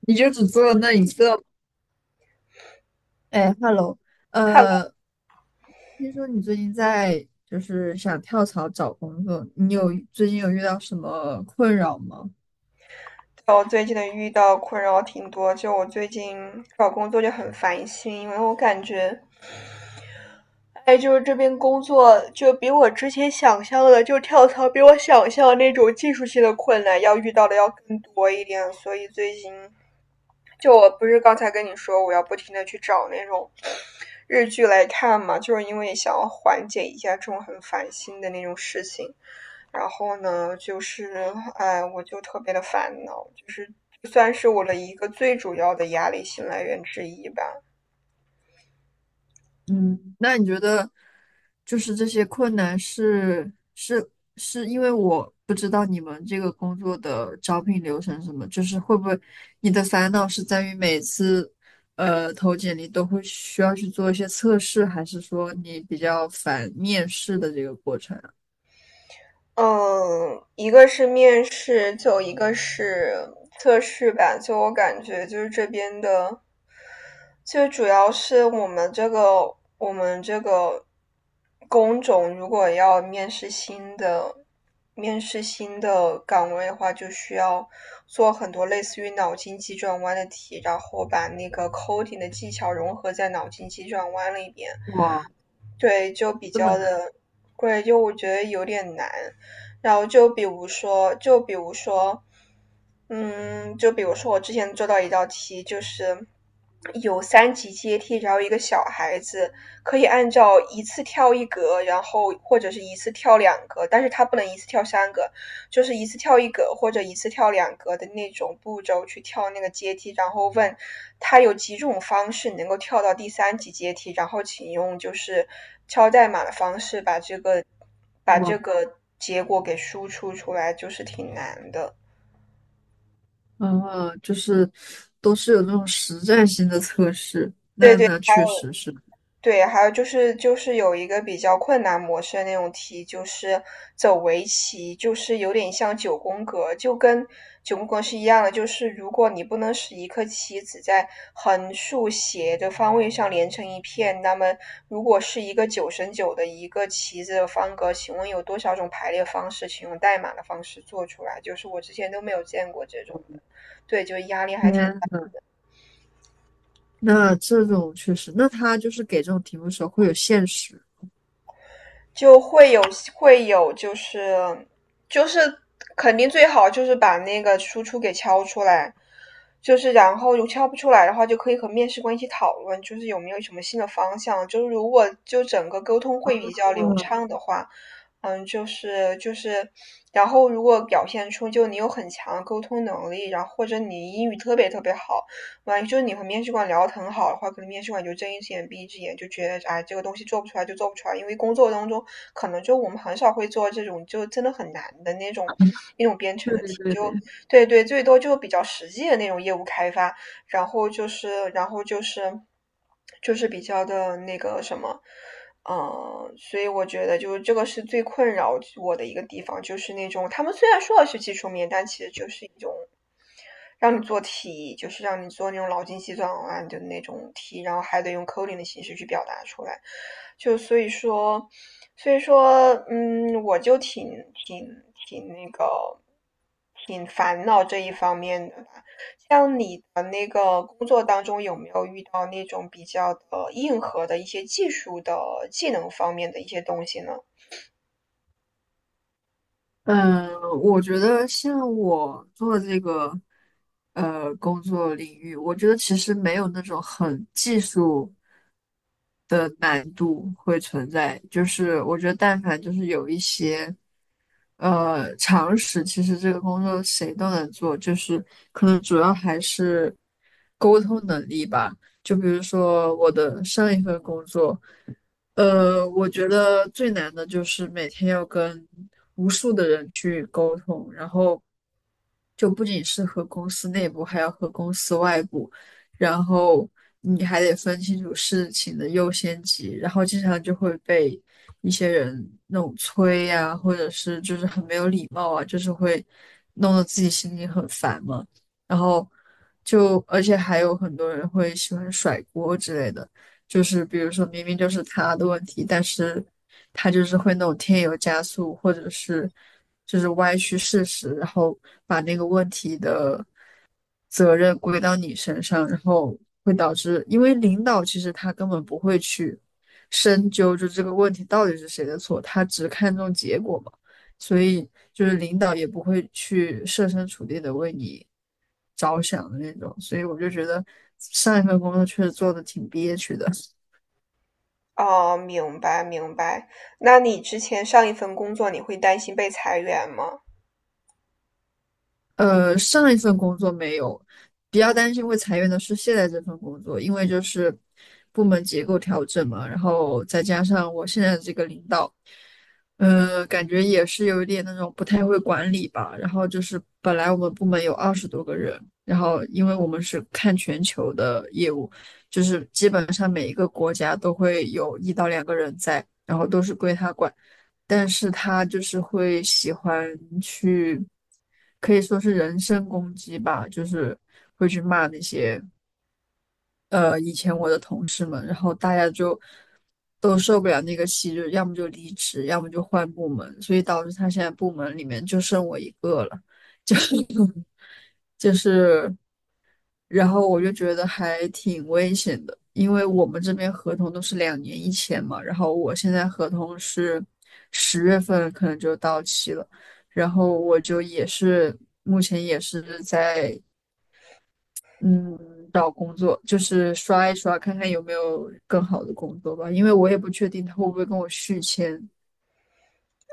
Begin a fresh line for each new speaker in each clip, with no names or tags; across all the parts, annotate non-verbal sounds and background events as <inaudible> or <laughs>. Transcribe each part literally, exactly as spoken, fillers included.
你就只做了那一个吗？哎，hello，
看来
呃，听说你最近在就是想跳槽找工作，你有最近有遇到什么困扰吗？
我最近的遇到困扰挺多，就我最近找工作就很烦心，因为我感觉，哎，就是这边工作就比我之前想象的，就跳槽比我想象的那种技术性的困难要遇到的要更多一点，所以最近就我不是刚才跟你说我要不停的去找那种日剧来看嘛，就是因为想要缓解一下这种很烦心的那种事情。然后呢，就是哎，我就特别的烦恼，就是算是我的一个最主要的压力性来源之一吧。
嗯，那你觉得就是这些困难是是是因为我不知道你们这个工作的招聘流程是什么，就是会不会你的烦恼是在于每次呃投简历都会需要去做一些测试，还是说你比较烦面试的这个过程啊？
嗯，一个是面试，就一个是测试吧。就我感觉，就是这边的，就主要是我们这个我们这个工种，如果要面试新的面试新的岗位的话，就需要做很多类似于脑筋急转弯的题，然后把那个 coding 的技巧融合在脑筋急转弯里边。对，就比
这么
较
难？
的贵，就我觉得有点难。然后就比如说，就比如说，嗯，就比如说我之前做到一道题，就是有三级阶梯，然后一个小孩子可以按照一次跳一格，然后或者是一次跳两格，但是他不能一次跳三个，就是一次跳一格或者一次跳两格的那种步骤去跳那个阶梯，然后问他有几种方式能够跳到第三级阶梯，然后请用就是敲代码的方式把这个把这
哇，
个结果给输出出来，就是挺难的。
啊，就是都是有这种实战性的测试，
对
那
对
那确实是，
对，还有就是就是有一个比较困难模式的那种题，就是走围棋，就是有点像九宫格，就跟九宫格是一样的。就是如果你不能使一颗棋子在横、竖、斜的方位上连成一片，那么如果是一个九乘九的一个棋子的方格，请问有多少种排列方式？请用代码的方式做出来，就是我之前都没有见过这种的。对，就压力还挺。
天那这种确实，那他就是给这种题目的时候会有限时。
就会有会有就是就是肯定最好就是把那个输出给敲出来，就是然后如敲不出来的话，就可以和面试官一起讨论，就是有没有什么新的方向。就是如果就整个沟通会比较流
嗯，
畅的话，嗯，就是就是，然后如果表现出就你有很强的沟通能力，然后或者你英语特别特别好，万一就是你和面试官聊得很好的话，可能面试官就睁一只眼闭一只眼，就觉得哎这个东西做不出来就做不出来，因为工作当中可能就我们很少会做这种就真的很难的那种那种编程
对
的
对
题，
对
就
对。
对对，最多就比较实际的那种业务开发，然后就是然后就是就是比较的那个什么。嗯，所以我觉得就是这个是最困扰我的一个地方，就是那种他们虽然说的是技术面，但其实就是一种让你做题，就是让你做那种脑筋急转弯的那种题，然后还得用 coding 的形式去表达出来。就所以说，所以说，嗯，我就挺挺挺那个，挺烦恼这一方面的吧。像你的那个工作当中，有没有遇到那种比较的硬核的一些技术的技能方面的一些东西呢？
嗯，我觉得像我做这个呃工作领域，我觉得其实没有那种很技术的难度会存在，就是我觉得但凡就是有一些。呃，常识其实这个工作谁都能做，就是可能主要还是沟通能力吧。就比如说我的上一份工作，呃，我觉得最难的就是每天要跟无数的人去沟通，然后就不仅是和公司内部，还要和公司外部，然后你还得分清楚事情的优先级，然后经常就会被一些人那种催呀、或者是就是很没有礼貌啊，就是会弄得自己心里很烦嘛，然后就而且还有很多人会喜欢甩锅之类的。就是比如说明明就是他的问题，但是他就是会那种添油加醋，或者是就是歪曲事实，然后把那个问题的责任归到你身上，然后会导致，因为领导其实他根本不会去深究就这个问题到底是谁的错，他只看重结果嘛，所以就是领导也不会去设身处地的为你着想的那种，所以我就觉得上一份工作确实做的挺憋屈的。
哦，明白明白。那你之前上一份工作，你会担心被裁员吗？
呃，上一份工作没有，比较担心会裁员的是现在这份工作，因为就是部门结构调整嘛，然后再加上我现在的这个领导。呃，感觉也是有一点那种不太会管理吧。然后就是本来我们部门有二十多个人，然后因为我们是看全球的业务，就是基本上每一个国家都会有一到两个人在，然后都是归他管。但是他就是会喜欢去，可以说是人身攻击吧，就是会去骂那些。呃以前我的同事们，然后大家就都受不了那个气，就要么就离职，要么就换部门，所以导致他现在部门里面就剩我一个了，就 <laughs> 就是，然后我就觉得还挺危险的，因为我们这边合同都是两年一签嘛，然后我现在合同是十月份可能就到期了，然后我就也是目前也是在。嗯，找工作就是刷一刷，看看有没有更好的工作吧，因为我也不确定他会不会跟我续签。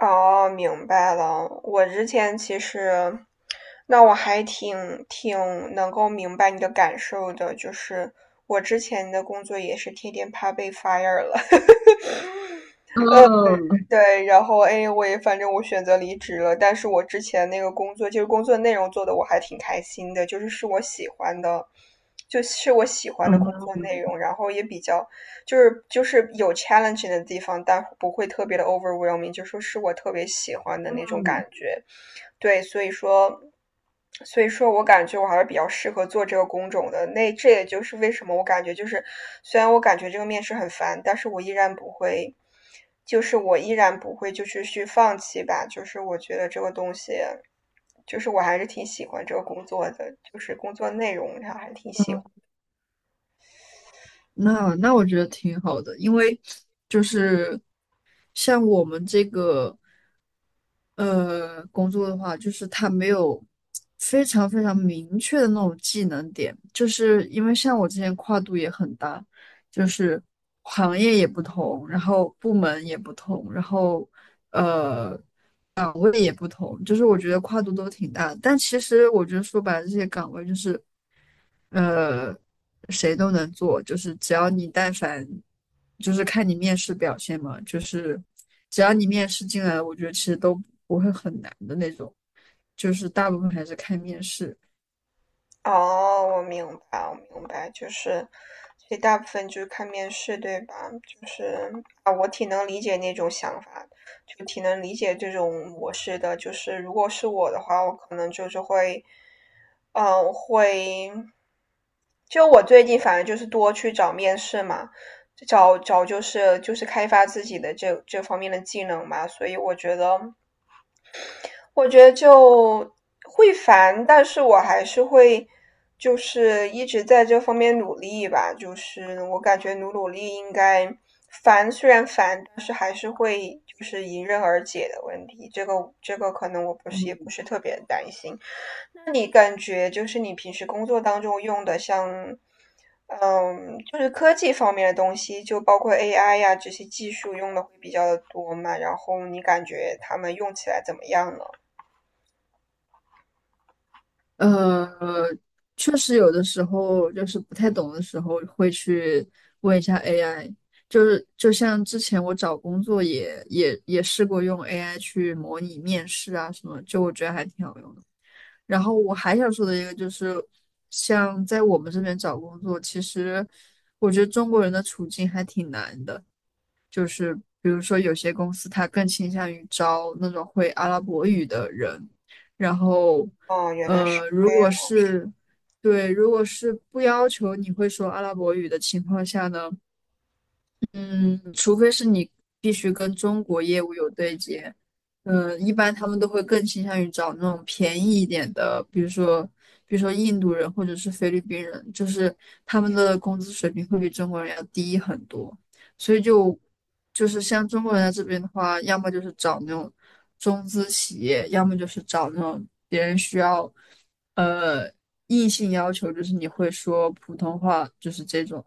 哦，明白了。我之前其实，那我还挺挺能够明白你的感受的，就是我之前的工作也是天天怕被 fire 了，
嗯
<laughs> 对，然后哎，我也反正我选择离职了，但是我之前那个工作，就是工作内容做的我还挺开心的，就是是我喜欢的，就是我喜欢的工作
嗯，
内容，然后也比较就是就是有 challenge 的地方，但不会特别的 overwhelming,就说是我特别喜欢的那种感
嗯，
觉。对，所以说，所以说我感觉我还是比较适合做这个工种的。那这也就是为什么我感觉就是，虽然我感觉这个面试很烦，但是我依然不会，就是我依然不会就是去放弃吧。就是我觉得这个东西，就是我还是挺喜欢这个工作的，就是工作内容上还挺喜欢。
那那我觉得挺好的，因为就是像我们这个呃工作的话，就是它没有非常非常明确的那种技能点，就是因为像我之前跨度也很大，就是行业也不同，然后部门也不同，然后呃也不同，就是我觉得跨度都挺大的但其实我觉得说白了，这些岗位就是呃，谁都能做，就是只要你但凡，就是看你面试表现嘛，就是只要你面试进来了我觉得其实都不会很难的那种，就是大部分还是看面试。
哦，我明白，我明白，就是，所以大部分就是看面试，对吧？就是啊，我挺能理解那种想法，就挺能理解这种模式的。就是如果是我的话，我可能就是会，嗯，会，就我最近反正就是多去找面试嘛，找找就是就是开发自己的这这方面的技能嘛，所以我觉得。我觉得就会烦，但是我还是会，就是一直在这方面努力吧。就是我感觉努努力应该烦，虽然烦，但是还是会就是迎刃而解的问题。这个这个可能我不是也不
嗯，
是特别担心。那你感觉就是你平时工作当中用的像，嗯，就是科技方面的东西，就包括 A I 呀、这些技术用的会比较的多嘛？然后你感觉他们用起来怎么样呢？
呃，确实有的时候就是不太懂的时候会去问一下 A I，就是就像之前我找工作也也也试过用 A I 去模拟面试啊什么，就我觉得还挺好用的。然后我还想说的一个就是，像在我们这边找工作，其实我觉得中国人的处境还挺难的。比如说，有些公司它更倾向于招那种会阿拉伯语的人，然后，
哦，原来是
呃，如
这样
果是对，如果是不要求你会说阿拉伯语的情况下呢，嗯，除非是你必须跟中国业务有对接，嗯，一般他们都会更倾向于找那种便宜一点的，比如说，比如说印度人或者是菲律宾人，就是他们的工资水平会比中国人要低很多，所以就就是像中国人在这边的话，要么就是找那种中资企业，要么就是找那种别人需要，呃，硬性要求就是你会说普通话，就是这种。